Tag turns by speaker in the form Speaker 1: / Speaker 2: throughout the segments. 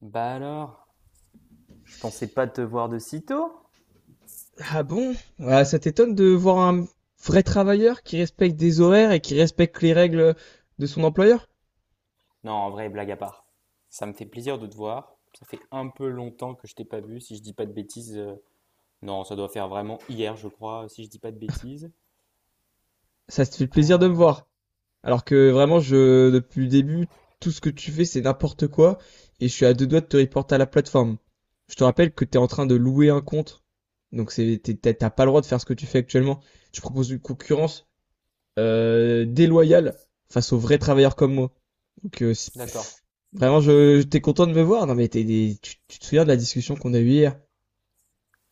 Speaker 1: Bah alors, je pensais pas te voir de si tôt.
Speaker 2: Ah bon? Ah, ça t'étonne de voir un vrai travailleur qui respecte des horaires et qui respecte les règles de son employeur?
Speaker 1: Non, en vrai, blague à part. Ça me fait plaisir de te voir. Ça fait un peu longtemps que je t'ai pas vu, si je dis pas de bêtises. Non, ça doit faire vraiment hier, je crois, si je dis pas de bêtises.
Speaker 2: Ça te fait plaisir de me
Speaker 1: Euh,
Speaker 2: voir. Alors que vraiment, je, depuis le début, tout ce que tu fais, c'est n'importe quoi et je suis à deux doigts de te reporter à la plateforme. Je te rappelle que t'es en train de louer un compte. Donc c'est, t'es- t'as pas le droit de faire ce que tu fais actuellement. Tu proposes une concurrence déloyale face aux vrais travailleurs comme moi. Donc, c-
Speaker 1: d'accord.
Speaker 2: vraiment, je- t'es content de me voir. Non, mais t'es des- tu te souviens de la discussion qu'on a eue hier?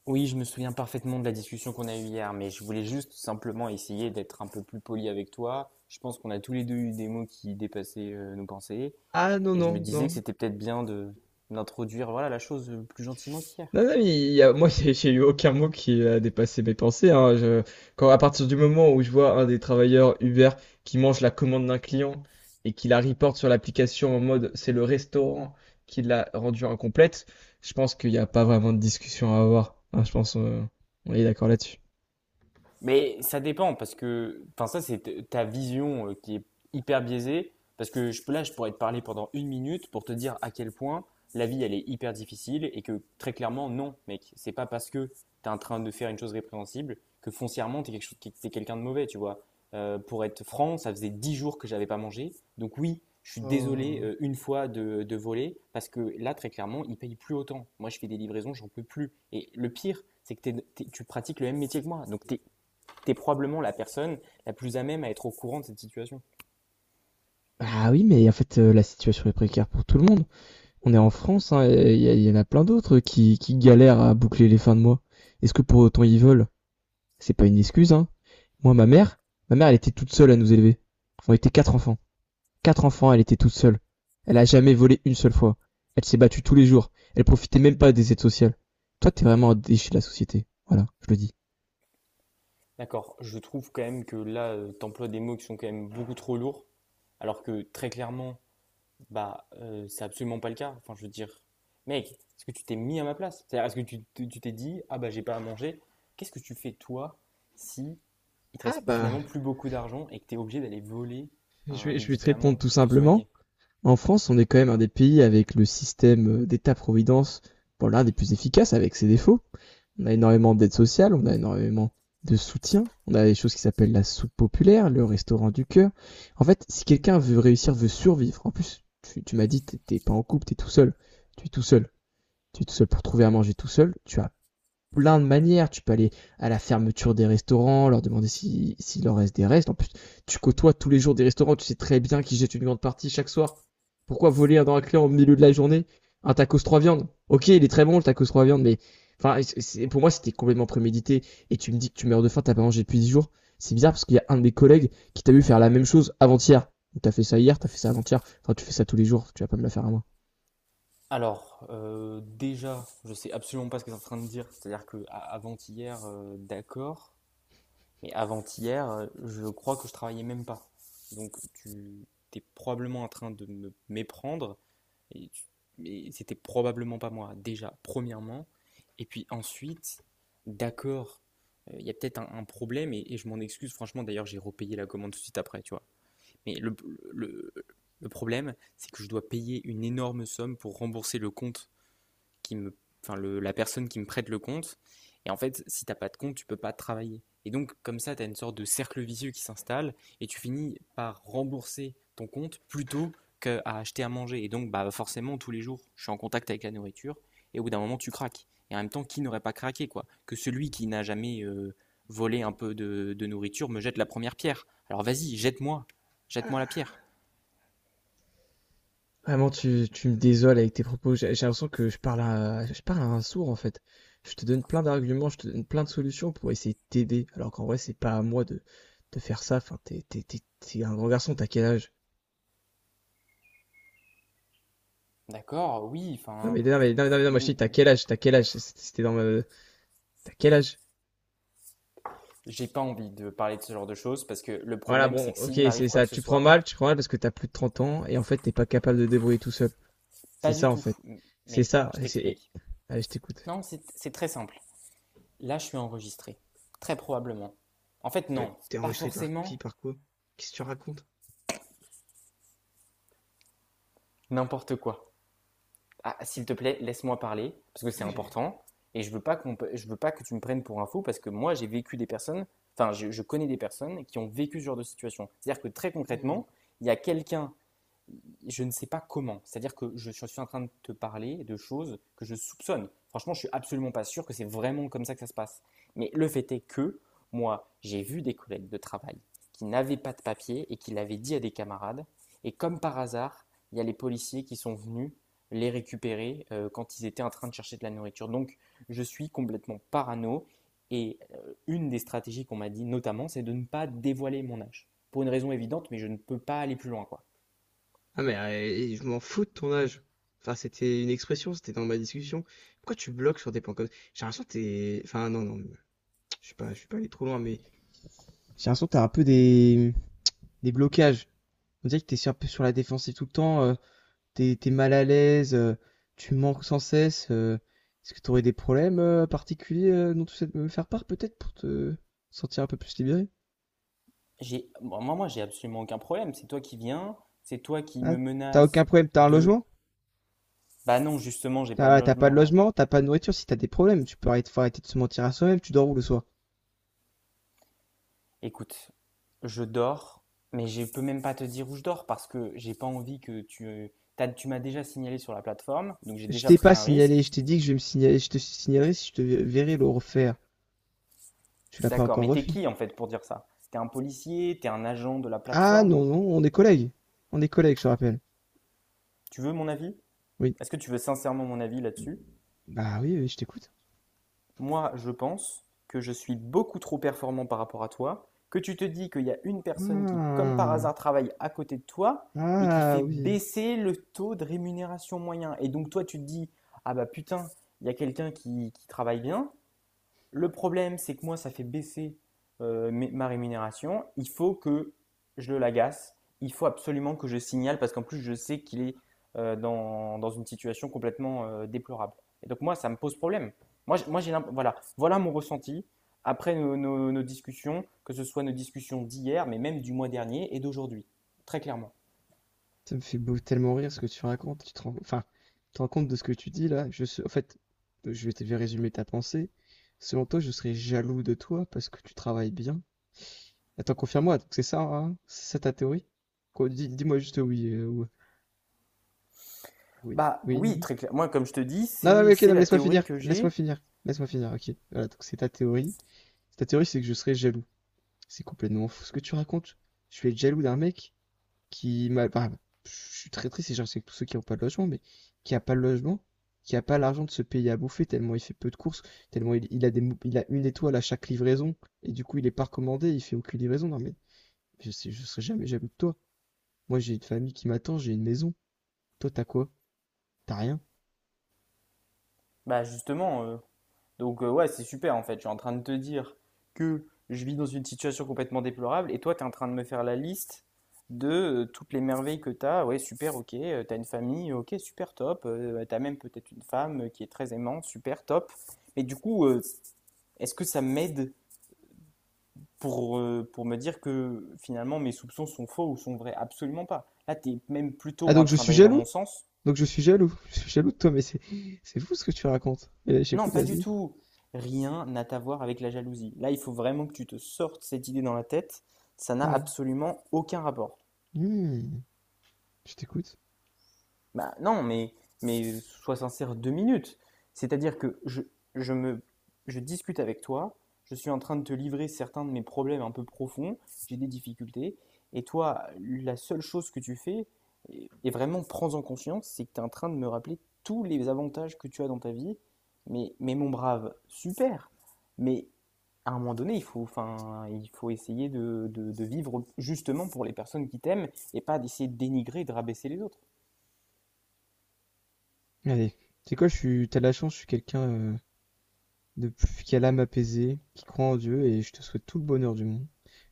Speaker 1: Oui, je me souviens parfaitement de la discussion qu'on a eue hier, mais je voulais juste simplement essayer d'être un peu plus poli avec toi. Je pense qu'on a tous les deux eu des mots qui dépassaient nos pensées,
Speaker 2: Ah non,
Speaker 1: et je me
Speaker 2: non,
Speaker 1: disais que
Speaker 2: non.
Speaker 1: c'était peut-être bien de d'introduire voilà la chose plus gentiment qu'hier.
Speaker 2: Non, non, mais il y a, moi, j'ai eu aucun mot qui a dépassé mes pensées, hein. Je- quand, à partir du moment où je vois un des travailleurs Uber qui mange la commande d'un client et qui la reporte sur l'application en mode c'est le restaurant qui l'a rendue incomplète, je pense qu'il n'y a pas vraiment de discussion à avoir. Hein, je pense on est d'accord là-dessus.
Speaker 1: Mais ça dépend parce que, enfin ça c'est ta vision qui est hyper biaisée parce que là je pourrais te parler pendant une minute pour te dire à quel point la vie elle est hyper difficile et que très clairement non mec, c'est pas parce que t'es en train de faire une chose répréhensible que foncièrement t'es quelque chose, t'es t'es quelqu'un de mauvais tu vois. Pour être franc, ça faisait 10 jours que j'avais pas mangé, donc oui. Je suis désolé
Speaker 2: Oh.
Speaker 1: une fois de voler parce que là, très clairement, ils payent plus autant. Moi, je fais des livraisons, j'en peux plus. Et le pire, c'est que tu pratiques le même métier que moi. Donc, t'es tu es probablement la personne la plus à même à être au courant de cette situation.
Speaker 2: Ah oui, mais en fait, la situation est précaire pour tout le monde. On est en France, hein, et il y, y en a plein d'autres qui galèrent à boucler les fins de mois. Est-ce que pour autant ils veulent C'est pas une excuse, hein. Moi, ma mère, elle était toute seule à nous élever. On était quatre enfants. Quatre enfants, elle était toute seule. Elle a jamais volé une seule fois. Elle s'est battue tous les jours. Elle profitait même pas des aides sociales. Toi, t'es vraiment un déchet de la société. Voilà, je le dis.
Speaker 1: D'accord, je trouve quand même que là, tu emploies des mots qui sont quand même beaucoup trop lourds, alors que très clairement, bah, c'est absolument pas le cas. Enfin, je veux dire, mec, est-ce que tu t'es mis à ma place? C'est-à-dire, est-ce que tu t'es dit, ah bah j'ai pas à manger, qu'est-ce que tu fais toi si il te
Speaker 2: Ah
Speaker 1: reste
Speaker 2: bah,
Speaker 1: finalement plus beaucoup d'argent et que tu es obligé d'aller voler un
Speaker 2: je vais te
Speaker 1: médicament
Speaker 2: répondre tout
Speaker 1: pour te
Speaker 2: simplement.
Speaker 1: soigner?
Speaker 2: En France, on est quand même un des pays avec le système d'État-providence, bon, l'un des plus efficaces avec ses défauts. On a énormément d'aide sociale, on a énormément de soutien, on a des choses qui s'appellent la soupe populaire, le restaurant du cœur. En fait, si quelqu'un veut réussir, veut survivre, en plus, tu m'as dit, t'es pas en couple, t'es tout seul, tu es tout seul, tu es tout seul pour trouver à manger tout seul, tu as plein de manières. Tu peux aller à la fermeture des restaurants, leur demander s'il si- s'il leur reste des restes. En plus, tu côtoies tous les jours des restaurants, tu sais très bien qu'ils jettent une grande partie chaque soir. Pourquoi voler un dans un client au milieu de la journée un tacos trois viandes? Ok, il est très bon le tacos trois viandes, mais enfin, c'est- pour moi, c'était complètement prémédité. Et tu me dis que tu meurs de faim, t'as pas mangé depuis 10 jours. C'est bizarre parce qu'il y a un de mes collègues qui t'a vu faire la même chose avant-hier. Donc, t'as fait ça hier, t'as fait ça avant-hier. Enfin, tu fais ça tous les jours, tu vas pas me la faire à moi.
Speaker 1: Alors, déjà, je sais absolument pas ce que tu es en train de dire. C'est-à-dire que avant-hier, d'accord, mais avant-hier, je crois que je travaillais même pas. Donc tu es probablement en train de me méprendre et, c'était probablement pas moi déjà premièrement et puis ensuite d'accord, il y a peut-être un problème et je m'en excuse franchement, d'ailleurs j'ai repayé la commande tout de suite après tu vois, mais le, le problème c'est que je dois payer une énorme somme pour rembourser le compte qui me, enfin la personne qui me prête le compte. Et en fait, si t'as pas de compte, tu peux pas travailler. Et donc, comme ça, t'as une sorte de cercle vicieux qui s'installe et tu finis par rembourser ton compte plutôt qu'à acheter à manger. Et donc, bah, forcément, tous les jours, je suis en contact avec la nourriture et au bout d'un moment, tu craques. Et en même temps, qui n'aurait pas craqué, quoi? Que celui qui n'a jamais volé un peu de nourriture me jette la première pierre. Alors vas-y, jette-moi, jette-moi la pierre.
Speaker 2: Vraiment, tu me désoles avec tes propos. J'ai l'impression que je parle à un sourd, en fait. Je te donne plein d'arguments, je te donne plein de solutions pour essayer de t'aider. Alors qu'en vrai, c'est pas à moi de faire ça. Enfin, t'es un grand garçon, t'as quel âge?
Speaker 1: D'accord, oui,
Speaker 2: Non,
Speaker 1: enfin,
Speaker 2: mais, non, mais, non, mais, non, mais, non, moi, je te dis, t'as quel âge? T'as quel âge? C'était dans ma, t'as quel âge?
Speaker 1: j'ai pas envie de parler de ce genre de choses parce que le
Speaker 2: Voilà,
Speaker 1: problème,
Speaker 2: bon,
Speaker 1: c'est que
Speaker 2: ok,
Speaker 1: s'il m'arrive
Speaker 2: c'est
Speaker 1: quoi
Speaker 2: ça.
Speaker 1: que ce soit,
Speaker 2: Tu prends mal parce que t'as plus de 30 ans et en fait, t'es pas capable de te débrouiller tout seul. C'est
Speaker 1: pas du
Speaker 2: ça, en
Speaker 1: tout.
Speaker 2: fait. C'est
Speaker 1: Mais
Speaker 2: ça.
Speaker 1: je
Speaker 2: Et c'est-
Speaker 1: t'explique.
Speaker 2: Allez, je t'écoute.
Speaker 1: Non, c'est très simple. Là, je suis enregistré. Très probablement. En fait, non,
Speaker 2: T'es
Speaker 1: pas
Speaker 2: enregistré par qui,
Speaker 1: forcément.
Speaker 2: par quoi? Qu'est-ce que tu racontes?
Speaker 1: N'importe quoi. Ah, s'il te plaît, laisse-moi parler parce que c'est
Speaker 2: Mais j'ai-
Speaker 1: important. Et je veux pas que tu me prennes pour un fou parce que moi, j'ai vécu des personnes. Enfin, je connais des personnes qui ont vécu ce genre de situation. C'est-à-dire que très
Speaker 2: Hmm.
Speaker 1: concrètement, il y a quelqu'un, je ne sais pas comment. C'est-à-dire que je suis en train de te parler de choses que je soupçonne. Franchement, je suis absolument pas sûr que c'est vraiment comme ça que ça se passe. Mais le fait est que moi, j'ai vu des collègues de travail qui n'avaient pas de papier et qui l'avaient dit à des camarades. Et comme par hasard, il y a les policiers qui sont venus les récupérer quand ils étaient en train de chercher de la nourriture. Donc, je suis complètement parano. Et une des stratégies qu'on m'a dit notamment, c'est de ne pas dévoiler mon âge. Pour une raison évidente, mais je ne peux pas aller plus loin. Quoi.
Speaker 2: Ah mais eh, je m'en fous de ton âge. Enfin, c'était une expression, c'était dans ma discussion. Pourquoi tu bloques sur des points comme ça? J'ai l'impression que t'es... Enfin, non, non, je suis pas allé trop loin, mais... J'ai l'impression que t'as un peu des blocages. On dirait que t'es sur- un peu sur la défensive tout le temps, t'es mal à l'aise, tu manques sans cesse. Est-ce que t'aurais des problèmes particuliers dont tu sais me faire part peut-être pour te sentir un peu plus libéré?
Speaker 1: Bon, moi, moi, j'ai absolument aucun problème. C'est toi qui viens, c'est toi qui
Speaker 2: Ah,
Speaker 1: me
Speaker 2: t'as aucun
Speaker 1: menace
Speaker 2: problème, t'as un
Speaker 1: de.
Speaker 2: logement?
Speaker 1: Bah non, justement, j'ai pas de
Speaker 2: T'as pas de
Speaker 1: logement, non.
Speaker 2: logement, t'as pas de nourriture, si t'as des problèmes, tu peux arrêter, faut arrêter de se mentir à soi-même, tu dors où le soir?
Speaker 1: Écoute, je dors, mais je peux même pas te dire où je dors parce que j'ai pas envie que tu. Tu m'as déjà signalé sur la plateforme, donc j'ai
Speaker 2: Je
Speaker 1: déjà
Speaker 2: t'ai
Speaker 1: pris
Speaker 2: pas
Speaker 1: un
Speaker 2: signalé,
Speaker 1: risque.
Speaker 2: je t'ai dit que je vais me signaler, je te signalerai si je te verrai le refaire. Tu l'as pas
Speaker 1: D'accord,
Speaker 2: encore
Speaker 1: mais t'es
Speaker 2: refait.
Speaker 1: qui en fait pour dire ça? T'es un policier, t'es un agent de la
Speaker 2: Ah
Speaker 1: plateforme.
Speaker 2: non, non, on est collègues. On est collègues, je te rappelle.
Speaker 1: Tu veux mon avis?
Speaker 2: Oui.
Speaker 1: Est-ce que tu veux sincèrement mon avis là-dessus?
Speaker 2: Bah oui, oui, je t'écoute.
Speaker 1: Moi, je pense que je suis beaucoup trop performant par rapport à toi, que tu te dis qu'il y a une personne qui, comme par
Speaker 2: Ah,
Speaker 1: hasard, travaille à côté de toi et qui
Speaker 2: ah
Speaker 1: fait
Speaker 2: oui.
Speaker 1: baisser le taux de rémunération moyen. Et donc toi, tu te dis, ah bah putain, il y a quelqu'un qui travaille bien, le problème, c'est que moi, ça fait baisser ma rémunération. Il faut que je le l'agace. Il faut absolument que je signale parce qu'en plus, je sais qu'il est dans une situation complètement déplorable. Et donc, moi, ça me pose problème. Moi, j'- moi j'ai l'imp- voilà mon ressenti après nos discussions, que ce soit nos discussions d'hier, mais même du mois dernier et d'aujourd'hui, très clairement.
Speaker 2: Ça me fait beau- tellement rire ce que tu racontes. Enfin, tu te rends compte de ce que tu dis là. Je se- en fait, je vais te faire résumer ta pensée. Selon toi, je serais jaloux de toi parce que tu travailles bien. Attends, confirme-moi, donc c'est ça, hein C'est ça ta théorie? Quoi, dis, moi juste oui, ou- oui,
Speaker 1: Bah
Speaker 2: oui,
Speaker 1: oui,
Speaker 2: non.
Speaker 1: très clair. Moi, comme je te dis,
Speaker 2: Non, non,
Speaker 1: c'est
Speaker 2: mais ok,
Speaker 1: c'est
Speaker 2: non, mais
Speaker 1: la
Speaker 2: laisse-moi
Speaker 1: théorie
Speaker 2: finir.
Speaker 1: que
Speaker 2: Laisse-moi
Speaker 1: j'ai.
Speaker 2: finir. Laisse-moi finir. Ok. Voilà, donc c'est ta théorie. Ta théorie, c'est que je serais jaloux. C'est complètement fou ce que tu racontes. Je vais être jaloux d'un mec qui m'a. Enfin, je suis très triste et j'en sais que tous ceux qui n'ont pas de logement, mais qui a pas de logement, qui a pas l'argent de se payer à bouffer tellement il fait peu de courses, tellement il a des, mou- il a une étoile à chaque livraison et du coup il est pas recommandé, il fait aucune livraison. Non, mais je sais, je serais jamais jaloux de toi. Moi, j'ai une famille qui m'attend, j'ai une maison. Toi, t'as quoi? T'as rien.
Speaker 1: Bah justement, donc ouais, c'est super en fait. Je suis en train de te dire que je vis dans une situation complètement déplorable et toi, tu es en train de me faire la liste de toutes les merveilles que tu as. Ouais, super, ok. T'as une famille, ok, super, top. Bah, t'as même peut-être une femme qui est très aimante, super, top. Mais du coup, est-ce que ça m'aide pour me dire que finalement mes soupçons sont faux ou sont vrais? Absolument pas. Là, tu es même
Speaker 2: Ah,
Speaker 1: plutôt
Speaker 2: donc
Speaker 1: en
Speaker 2: je
Speaker 1: train
Speaker 2: suis
Speaker 1: d'aller dans mon
Speaker 2: jaloux?
Speaker 1: sens.
Speaker 2: Donc je suis jaloux. Je suis jaloux de toi, mais c'est fou ce que tu racontes. Et là,
Speaker 1: Non,
Speaker 2: j'écoute,
Speaker 1: pas du
Speaker 2: vas-y.
Speaker 1: tout. Rien n'a à voir avec la jalousie. Là, il faut vraiment que tu te sortes cette idée dans la tête. Ça n'a
Speaker 2: Ah bon.
Speaker 1: absolument aucun rapport.
Speaker 2: Hmm, je t'écoute.
Speaker 1: Bah non, mais sois sincère 2 minutes. C'est-à-dire que je me, je discute avec toi, je suis en train de te livrer certains de mes problèmes un peu profonds, j'ai des difficultés, et toi, la seule chose que tu fais, et vraiment prends-en conscience, c'est que tu es en train de me rappeler tous les avantages que tu as dans ta vie. Mais mon brave, super. Mais à un moment donné, enfin, il faut essayer de vivre justement pour les personnes qui t'aiment et pas d'essayer de dénigrer, de rabaisser les autres.
Speaker 2: Allez. C'est quoi, je suis, t'as de la chance, je suis quelqu'un de plus qui a l'âme apaisée, qui croit en Dieu, et je te souhaite tout le bonheur du monde.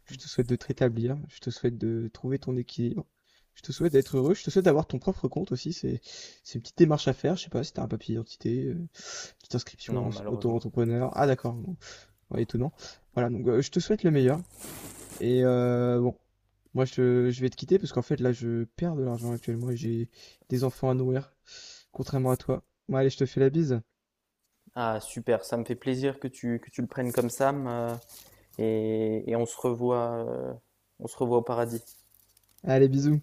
Speaker 2: Je te souhaite de te rétablir, je te souhaite de trouver ton équilibre, je te souhaite d'être heureux, je te souhaite d'avoir ton propre compte aussi, c'est une petite démarche à faire, je sais pas si t'as un papier d'identité, petite inscription
Speaker 1: Non,
Speaker 2: en-
Speaker 1: malheureusement.
Speaker 2: auto-entrepreneur, ah d'accord, bon, ouais, étonnant. Voilà, donc je te souhaite le meilleur, et bon, moi, je vais te quitter parce qu'en fait, là, je perds de l'argent actuellement et j'ai des enfants à nourrir, contrairement à toi. Bon, allez, je te fais la bise.
Speaker 1: Ah, super, ça me fait plaisir que tu le prennes comme ça. Et on se revoit au paradis.
Speaker 2: Allez, bisous.